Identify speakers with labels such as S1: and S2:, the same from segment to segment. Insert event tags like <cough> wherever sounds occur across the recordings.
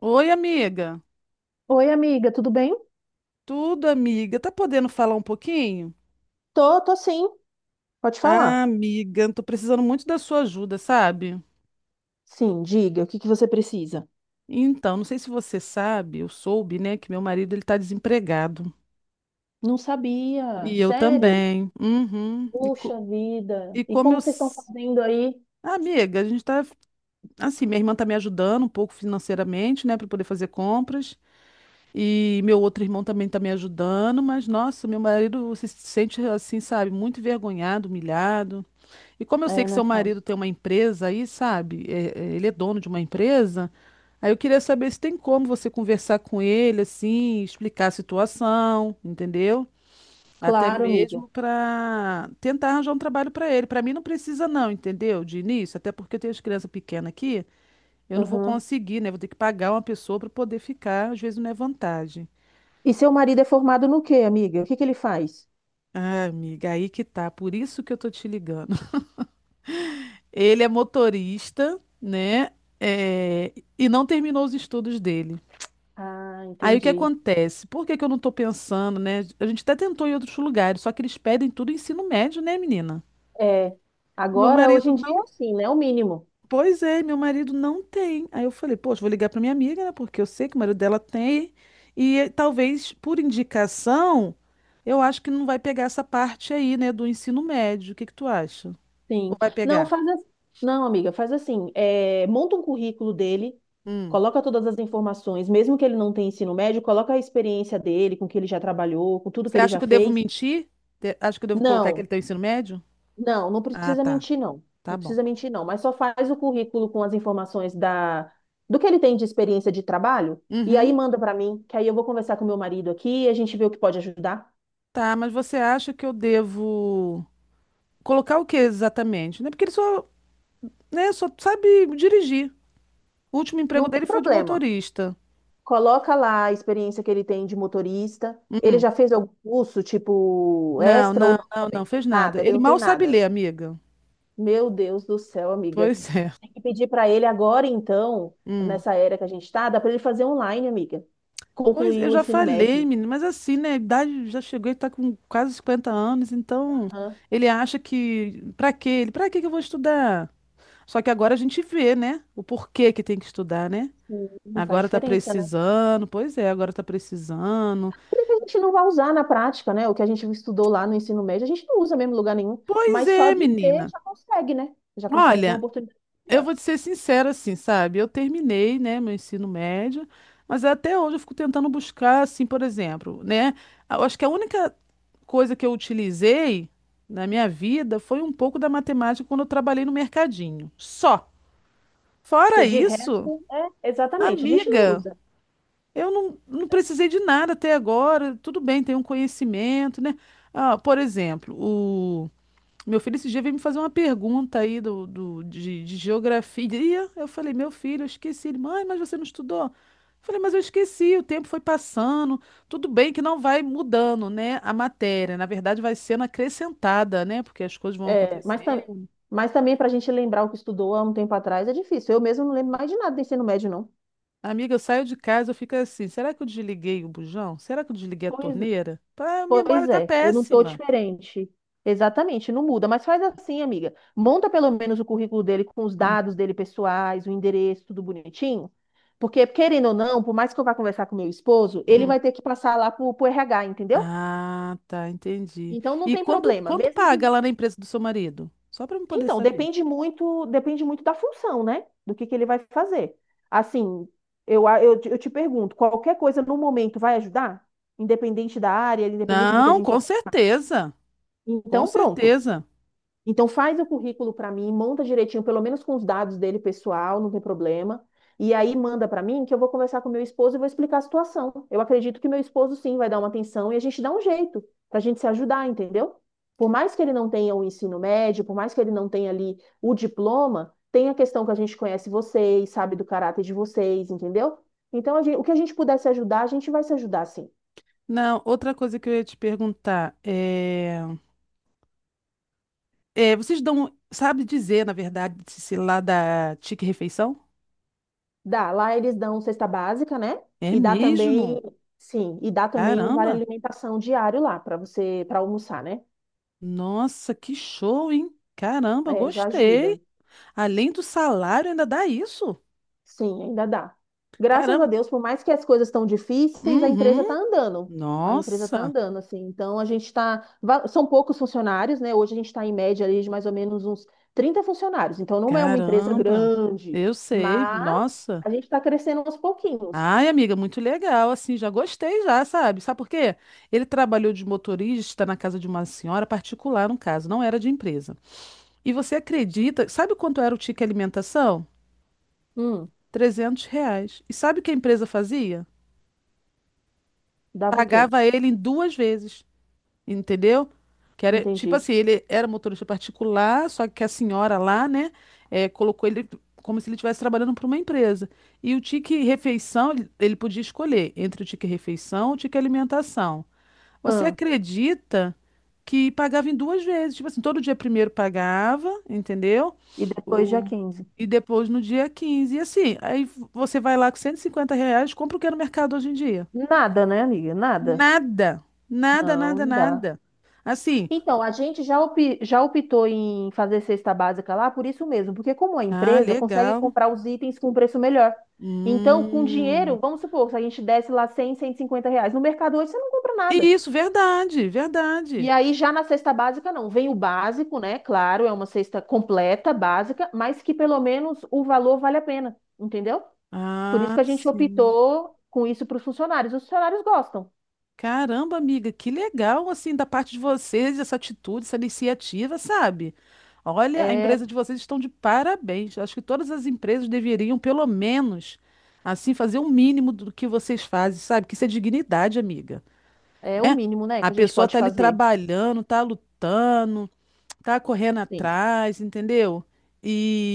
S1: Oi, amiga.
S2: Oi, amiga, tudo bem?
S1: Tudo, amiga. Tá podendo falar um pouquinho?
S2: Tô sim. Pode
S1: Ah,
S2: falar.
S1: amiga, tô precisando muito da sua ajuda, sabe?
S2: Sim, diga, o que que você precisa?
S1: Então, não sei se você sabe, eu soube, né, que meu marido ele tá desempregado.
S2: Não sabia,
S1: E eu
S2: sério?
S1: também. Uhum.
S2: Puxa vida.
S1: E
S2: E
S1: como eu.
S2: como vocês estão
S1: s-
S2: fazendo aí?
S1: Ah, amiga, a gente tá. Assim, minha irmã tá me ajudando um pouco financeiramente, né, pra poder fazer compras. E meu outro irmão também tá me ajudando, mas nossa, meu marido se sente assim, sabe, muito envergonhado, humilhado. E como eu sei
S2: É,
S1: que
S2: né,
S1: seu marido
S2: fácil.
S1: tem uma empresa aí, sabe? Ele é dono de uma empresa. Aí eu queria saber se tem como você conversar com ele, assim, explicar a situação, entendeu? Até
S2: Claro, amiga.
S1: mesmo para tentar arranjar um trabalho para ele. Para mim não precisa não, entendeu? De início, até porque eu tenho as crianças pequenas aqui, eu não vou
S2: Uhum.
S1: conseguir, né? Vou ter que pagar uma pessoa para poder ficar, às vezes não é vantagem.
S2: E seu marido é formado no quê, amiga? O que que ele faz?
S1: Ah, amiga, aí que tá. Por isso que eu tô te ligando. Ele é motorista, né? É, e não terminou os estudos dele.
S2: Ah,
S1: Aí o que
S2: entendi.
S1: acontece? Por que que eu não tô pensando, né? A gente até tentou em outros lugares, só que eles pedem tudo ensino médio, né, menina?
S2: É,
S1: Meu
S2: agora, hoje
S1: marido
S2: em dia é
S1: não.
S2: assim, né? O mínimo.
S1: Pois é, meu marido não tem. Aí eu falei, poxa, vou ligar pra minha amiga, né? Porque eu sei que o marido dela tem. E talvez por indicação, eu acho que não vai pegar essa parte aí, né, do ensino médio. O que que tu acha? Ou
S2: Sim.
S1: vai
S2: Não,
S1: pegar?
S2: faz assim. Não, amiga, faz assim. É, monta um currículo dele,
S1: Hum.
S2: coloca todas as informações, mesmo que ele não tenha ensino médio, coloca a experiência dele, com o que ele já trabalhou, com tudo que
S1: Você
S2: ele
S1: acha
S2: já
S1: que eu devo
S2: fez.
S1: mentir? Acha que eu devo colocar que ele
S2: Não,
S1: tem o ensino médio?
S2: não, não
S1: Ah,
S2: precisa
S1: tá.
S2: mentir, não. Não
S1: Tá bom.
S2: precisa mentir, não. Mas só faz o currículo com as informações do que ele tem de experiência de trabalho, e aí
S1: Uhum.
S2: manda para mim, que aí eu vou conversar com meu marido aqui e a gente vê o que pode ajudar.
S1: Tá, mas você acha que eu devo colocar o que exatamente? Né? Porque ele só, né, só sabe dirigir. O último emprego
S2: Não
S1: dele
S2: tem
S1: foi de
S2: problema.
S1: motorista.
S2: Coloca lá a experiência que ele tem de motorista. Ele já fez algum curso, tipo,
S1: Não,
S2: extra ou
S1: não,
S2: não
S1: não, não
S2: também?
S1: fez nada.
S2: Nada, ele
S1: Ele
S2: não
S1: mal
S2: tem
S1: sabe
S2: nada.
S1: ler, amiga.
S2: Meu Deus do céu, amiga.
S1: Pois é.
S2: Tem que pedir para ele agora, então,
S1: Hum.
S2: nessa era que a gente está, dá para ele fazer online, amiga.
S1: Pois
S2: Concluir
S1: eu
S2: o
S1: já
S2: ensino
S1: falei,
S2: médio.
S1: menino, mas assim, né, a idade já chegou, ele tá com quase 50 anos, então
S2: Aham.
S1: ele acha que pra quê? Ele, pra quê que eu vou estudar? Só que agora a gente vê, né? O porquê que tem que estudar, né?
S2: Sim, não faz
S1: Agora tá
S2: diferença, né?
S1: precisando, pois é, agora tá precisando.
S2: Tudo que a gente não vai usar na prática, né? O que a gente estudou lá no ensino médio, a gente não usa mesmo em lugar nenhum.
S1: Pois
S2: Mas só
S1: é,
S2: de
S1: menina.
S2: ter já consegue, né? Já consegue uma
S1: Olha,
S2: oportunidade
S1: eu
S2: melhor.
S1: vou te ser sincera assim, sabe? Eu terminei, né, meu ensino médio, mas até hoje eu fico tentando buscar, assim, por exemplo, né? Eu acho que a única coisa que eu utilizei na minha vida foi um pouco da matemática quando eu trabalhei no mercadinho. Só.
S2: Porque
S1: Fora
S2: de
S1: isso,
S2: resto, é, exatamente, a gente não
S1: amiga.
S2: usa.
S1: Eu não precisei de nada até agora. Tudo bem, tem um conhecimento, né? Ah, por exemplo, o meu filho esse dia veio me fazer uma pergunta aí de geografia. Eu falei, meu filho, eu esqueci. Ele, mãe, mas você não estudou? Eu falei, mas eu esqueci, o tempo foi passando. Tudo bem que não vai mudando, né, a matéria. Na verdade, vai sendo acrescentada, né? Porque as coisas vão
S2: É, mas,
S1: acontecendo.
S2: mas também para a gente lembrar o que estudou há um tempo atrás é difícil. Eu mesmo não lembro mais de nada do ensino médio, não.
S1: Amiga, eu saio de casa, eu fico assim, será que eu desliguei o bujão? Será que eu desliguei a
S2: Pois,
S1: torneira? Pá, a memória
S2: pois
S1: tá
S2: é, eu não estou
S1: péssima.
S2: diferente. Exatamente, não muda. Mas faz assim, amiga. Monta pelo menos o currículo dele com os dados dele pessoais, o endereço, tudo bonitinho. Porque, querendo ou não, por mais que eu vá conversar com meu esposo, ele
S1: Hum.
S2: vai ter que passar lá pro RH, entendeu?
S1: Ah, tá, entendi.
S2: Então não
S1: E
S2: tem problema.
S1: quanto
S2: Mesmo que
S1: paga lá na empresa do seu marido? Só para eu poder
S2: então,
S1: saber.
S2: depende muito da função, né? Do que ele vai fazer. Assim, eu te pergunto, qualquer coisa no momento vai ajudar? Independente da área, independente do que a
S1: Não,
S2: gente...
S1: com certeza. Com
S2: Então, pronto.
S1: certeza.
S2: Então faz o currículo para mim, monta direitinho, pelo menos com os dados dele pessoal, não tem problema. E aí manda para mim que eu vou conversar com meu esposo e vou explicar a situação. Eu acredito que meu esposo sim vai dar uma atenção e a gente dá um jeito para a gente se ajudar, entendeu? Por mais que ele não tenha o ensino médio, por mais que ele não tenha ali o diploma, tem a questão que a gente conhece vocês, sabe do caráter de vocês, entendeu? Então a gente, o que a gente puder se ajudar, a gente vai se ajudar sim.
S1: Não, outra coisa que eu ia te perguntar é, vocês dão, sabe dizer, na verdade, se lá da Tique Refeição?
S2: Dá, lá eles dão cesta básica, né?
S1: É
S2: E dá
S1: mesmo?
S2: também, sim, e dá também um vale
S1: Caramba!
S2: alimentação diário lá para você, para almoçar, né?
S1: Nossa, que show, hein? Caramba,
S2: É, já
S1: gostei.
S2: ajuda.
S1: Além do salário, ainda dá isso.
S2: Sim, ainda dá. Graças a
S1: Caramba.
S2: Deus, por mais que as coisas estão difíceis, a empresa tá
S1: Uhum.
S2: andando. A empresa tá
S1: Nossa.
S2: andando, assim. Então a gente está, são poucos funcionários, né? Hoje a gente está em média ali de mais ou menos uns 30 funcionários. Então não é uma empresa
S1: Caramba,
S2: grande,
S1: eu sei,
S2: mas
S1: nossa.
S2: a gente está crescendo aos pouquinhos.
S1: Ai, amiga, muito legal, assim, já gostei já, sabe? Sabe por quê? Ele trabalhou de motorista na casa de uma senhora particular, no caso, não era de empresa. E você acredita, sabe quanto era o ticket alimentação?
S2: Hum,
S1: 300 reais. E sabe o que a empresa fazia?
S2: dava o quê?
S1: Pagava ele em duas vezes. Entendeu? Que era, tipo
S2: Entendi.
S1: assim, ele era motorista particular, só que a senhora lá, né, colocou ele como se ele estivesse trabalhando para uma empresa. E o tique refeição, ele podia escolher entre o tique refeição e o tique alimentação. Você acredita que pagava em duas vezes? Tipo assim, todo dia primeiro pagava, entendeu?
S2: E depois dia
S1: O...
S2: 15?
S1: E depois no dia quinze. E assim, aí você vai lá com 150 reais, compra o que é no mercado hoje em dia.
S2: Nada, né, amiga? Nada.
S1: Nada, nada,
S2: Não,
S1: nada,
S2: não dá.
S1: nada. Assim,
S2: Então, a gente já, já optou em fazer cesta básica lá por isso mesmo, porque como a
S1: ah,
S2: empresa consegue
S1: legal.
S2: comprar os itens com um preço melhor. Então, com dinheiro,
S1: Hum.
S2: vamos supor, se a gente desse lá R$ 100, R$ 150, no mercado hoje você não compra nada.
S1: Isso, verdade,
S2: E
S1: verdade.
S2: aí, já na cesta básica, não. Vem o básico, né? Claro, é uma cesta completa, básica, mas que pelo menos o valor vale a pena, entendeu? Por isso
S1: Ah,
S2: que a gente
S1: sim.
S2: optou com isso para os funcionários. Os funcionários gostam.
S1: Caramba, amiga, que legal, assim, da parte de vocês, essa atitude, essa iniciativa, sabe? Olha, a
S2: É,
S1: empresa de vocês estão de parabéns. Acho que todas as empresas deveriam, pelo menos, assim, fazer um mínimo do que vocês fazem, sabe? Que isso é dignidade, amiga.
S2: É o
S1: Né?
S2: mínimo, né,
S1: A
S2: que a gente
S1: pessoa
S2: pode
S1: tá ali
S2: fazer.
S1: trabalhando, tá lutando, tá correndo
S2: Sim.
S1: atrás, entendeu?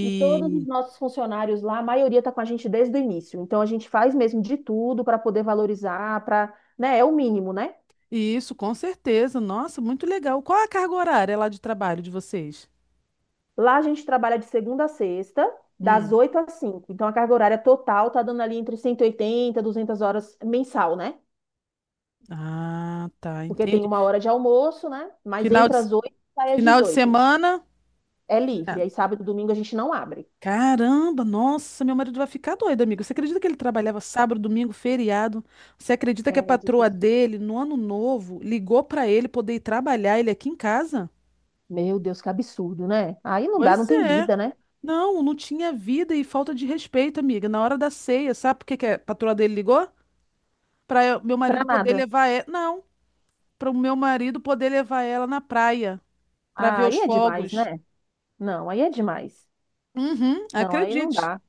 S2: E todos os nossos funcionários lá, a maioria está com a gente desde o início. Então a gente faz mesmo de tudo para poder valorizar, para, né, é o mínimo, né?
S1: isso, com certeza. Nossa, muito legal. Qual a carga horária lá de trabalho de vocês?
S2: Lá a gente trabalha de segunda a sexta, das
S1: Hum.
S2: 8 às 5. Então a carga horária total tá dando ali entre 180, e 200 horas mensal, né?
S1: Ah, tá,
S2: Porque tem
S1: entendi.
S2: uma hora de almoço, né? Mas
S1: Final de,
S2: entre as 8 e sai às
S1: final de
S2: 18.
S1: semana?
S2: É livre.
S1: Nada.
S2: Aí sábado e domingo a gente não abre.
S1: Caramba, nossa, meu marido vai ficar doido, amigo. Você acredita que ele trabalhava sábado, domingo, feriado? Você acredita que a
S2: É
S1: patroa
S2: difícil.
S1: dele, no ano novo, ligou pra ele poder ir trabalhar ele aqui em casa?
S2: Meu Deus, que absurdo, né? Aí não dá, não
S1: Pois
S2: tem
S1: é.
S2: vida, né?
S1: Não, não tinha vida e falta de respeito, amiga. Na hora da ceia, sabe por que que a patroa dele ligou? Meu
S2: Pra
S1: marido poder
S2: nada.
S1: levar ela. Não. Para o meu marido poder levar ela na praia para
S2: Ah,
S1: ver os
S2: aí é demais,
S1: fogos.
S2: né? Não, aí é demais.
S1: Uhum,
S2: Não, aí não
S1: acredite.
S2: dá.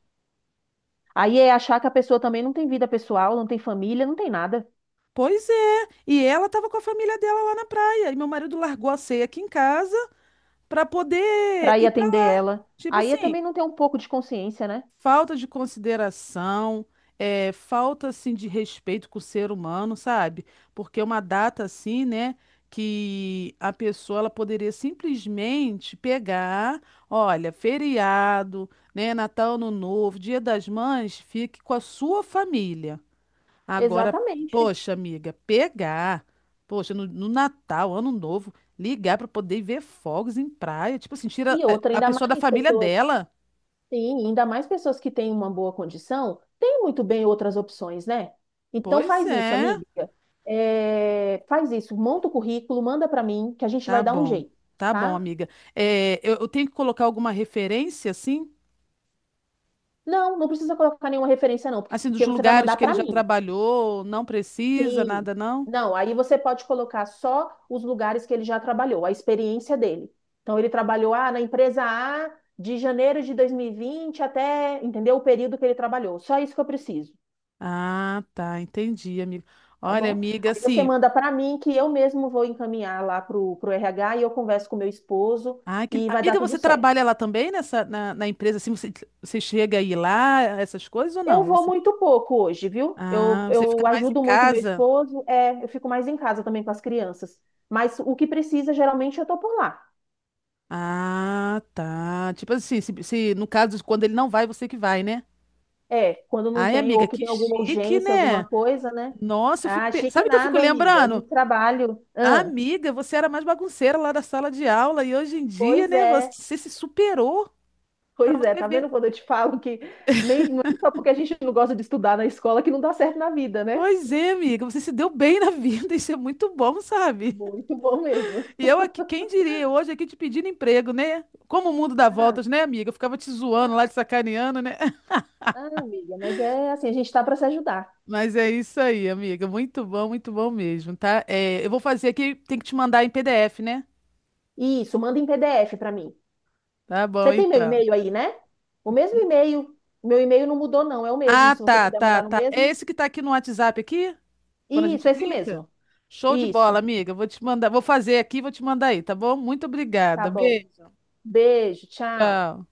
S2: Aí é achar que a pessoa também não tem vida pessoal, não tem família, não tem nada
S1: Pois é. E ela estava com a família dela lá na praia. E meu marido largou a ceia aqui em casa para poder
S2: para ir
S1: ir para
S2: atender
S1: lá.
S2: ela.
S1: Tipo
S2: Aí é
S1: assim,
S2: também não ter um pouco de consciência, né?
S1: falta de consideração, é, falta assim de respeito com o ser humano, sabe? Porque é uma data assim, né, que a pessoa ela poderia simplesmente pegar, olha, feriado, né, Natal, Ano Novo, Dia das Mães, fique com a sua família. Agora,
S2: Exatamente.
S1: poxa, amiga, pegar, poxa, no Natal, Ano Novo, ligar para poder ver fogos em praia, tipo assim,
S2: E
S1: tira é,
S2: outra,
S1: a
S2: ainda
S1: pessoa da
S2: mais
S1: família
S2: pessoas,
S1: dela.
S2: sim, ainda mais pessoas que têm uma boa condição, têm muito bem outras opções, né? Então
S1: Pois
S2: faz isso,
S1: é.
S2: amiga. É, faz isso, monta o currículo, manda para mim, que a gente
S1: Tá
S2: vai dar um
S1: bom,
S2: jeito,
S1: tá bom,
S2: tá?
S1: amiga. É, eu tenho que colocar alguma referência, assim?
S2: Não, não precisa colocar nenhuma referência, não,
S1: Assim, dos
S2: porque você vai
S1: lugares
S2: mandar
S1: que ele
S2: para
S1: já
S2: mim.
S1: trabalhou, não precisa,
S2: Sim.
S1: nada não?
S2: Não, aí você pode colocar só os lugares que ele já trabalhou, a experiência dele. Então, ele trabalhou na empresa A de janeiro de 2020 até, entendeu? O período que ele trabalhou. Só isso que eu preciso,
S1: Ah, tá, entendi, amiga.
S2: tá
S1: Olha,
S2: bom?
S1: amiga,
S2: Aí você
S1: assim.
S2: manda para mim que eu mesmo vou encaminhar lá pro RH e eu converso com meu esposo
S1: Ah, que...
S2: e vai dar
S1: Amiga,
S2: tudo
S1: você
S2: certo.
S1: trabalha lá também na empresa, assim, você, você chega aí lá, essas coisas ou não?
S2: Eu
S1: Ou
S2: vou
S1: você...
S2: muito pouco hoje, viu? Eu,
S1: Ah, você fica
S2: eu
S1: mais em
S2: ajudo muito meu
S1: casa?
S2: esposo, é, eu fico mais em casa também com as crianças. Mas o que precisa, geralmente, eu tô por lá.
S1: Ah, tá. Tipo assim, se no caso, quando ele não vai, você que vai, né?
S2: É, quando não
S1: Ai,
S2: tem,
S1: amiga,
S2: ou que
S1: que
S2: tem alguma
S1: chique,
S2: urgência,
S1: né?
S2: alguma coisa, né?
S1: Nossa, eu
S2: Ah,
S1: fico.
S2: achei que
S1: Sabe o que eu fico
S2: nada, amiga. É
S1: lembrando?
S2: muito trabalho.
S1: Ah,
S2: Ah,
S1: amiga, você era mais bagunceira lá da sala de aula e hoje em dia,
S2: pois
S1: né,
S2: é,
S1: você se superou pra
S2: pois é.
S1: você
S2: Tá
S1: ver.
S2: vendo quando eu te falo que nem não é só porque a gente não gosta de estudar na escola que não dá certo na vida, né?
S1: Pois é, amiga, você se deu bem na vida, <laughs> isso é muito bom, sabe?
S2: Muito bom mesmo.
S1: E eu aqui, quem diria, eu hoje aqui te pedindo emprego, né? Como o mundo dá
S2: Ah,
S1: voltas, né, amiga? Eu ficava te zoando
S2: ah,
S1: lá, te sacaneando, né? <laughs>
S2: ah, amiga, mas é assim, a gente tá para se ajudar.
S1: Mas é isso aí, amiga, muito bom mesmo, tá? É, eu vou fazer aqui, tem que te mandar em PDF, né?
S2: Isso, manda em PDF para mim.
S1: Tá bom,
S2: Você tem meu
S1: então.
S2: e-mail aí, né? O mesmo e-mail. Meu e-mail não mudou, não, é o mesmo.
S1: Ah,
S2: Se você
S1: tá,
S2: puder
S1: tá,
S2: mandar no
S1: tá. É
S2: mesmo.
S1: esse que tá aqui no WhatsApp aqui? Quando a
S2: Isso,
S1: gente
S2: é esse
S1: clica?
S2: mesmo.
S1: Show de bola,
S2: Isso.
S1: amiga. Vou te mandar, vou fazer aqui, e vou te mandar aí, tá bom? Muito
S2: Tá
S1: obrigada.
S2: bom.
S1: Beijo.
S2: Beijo, tchau.
S1: Tchau.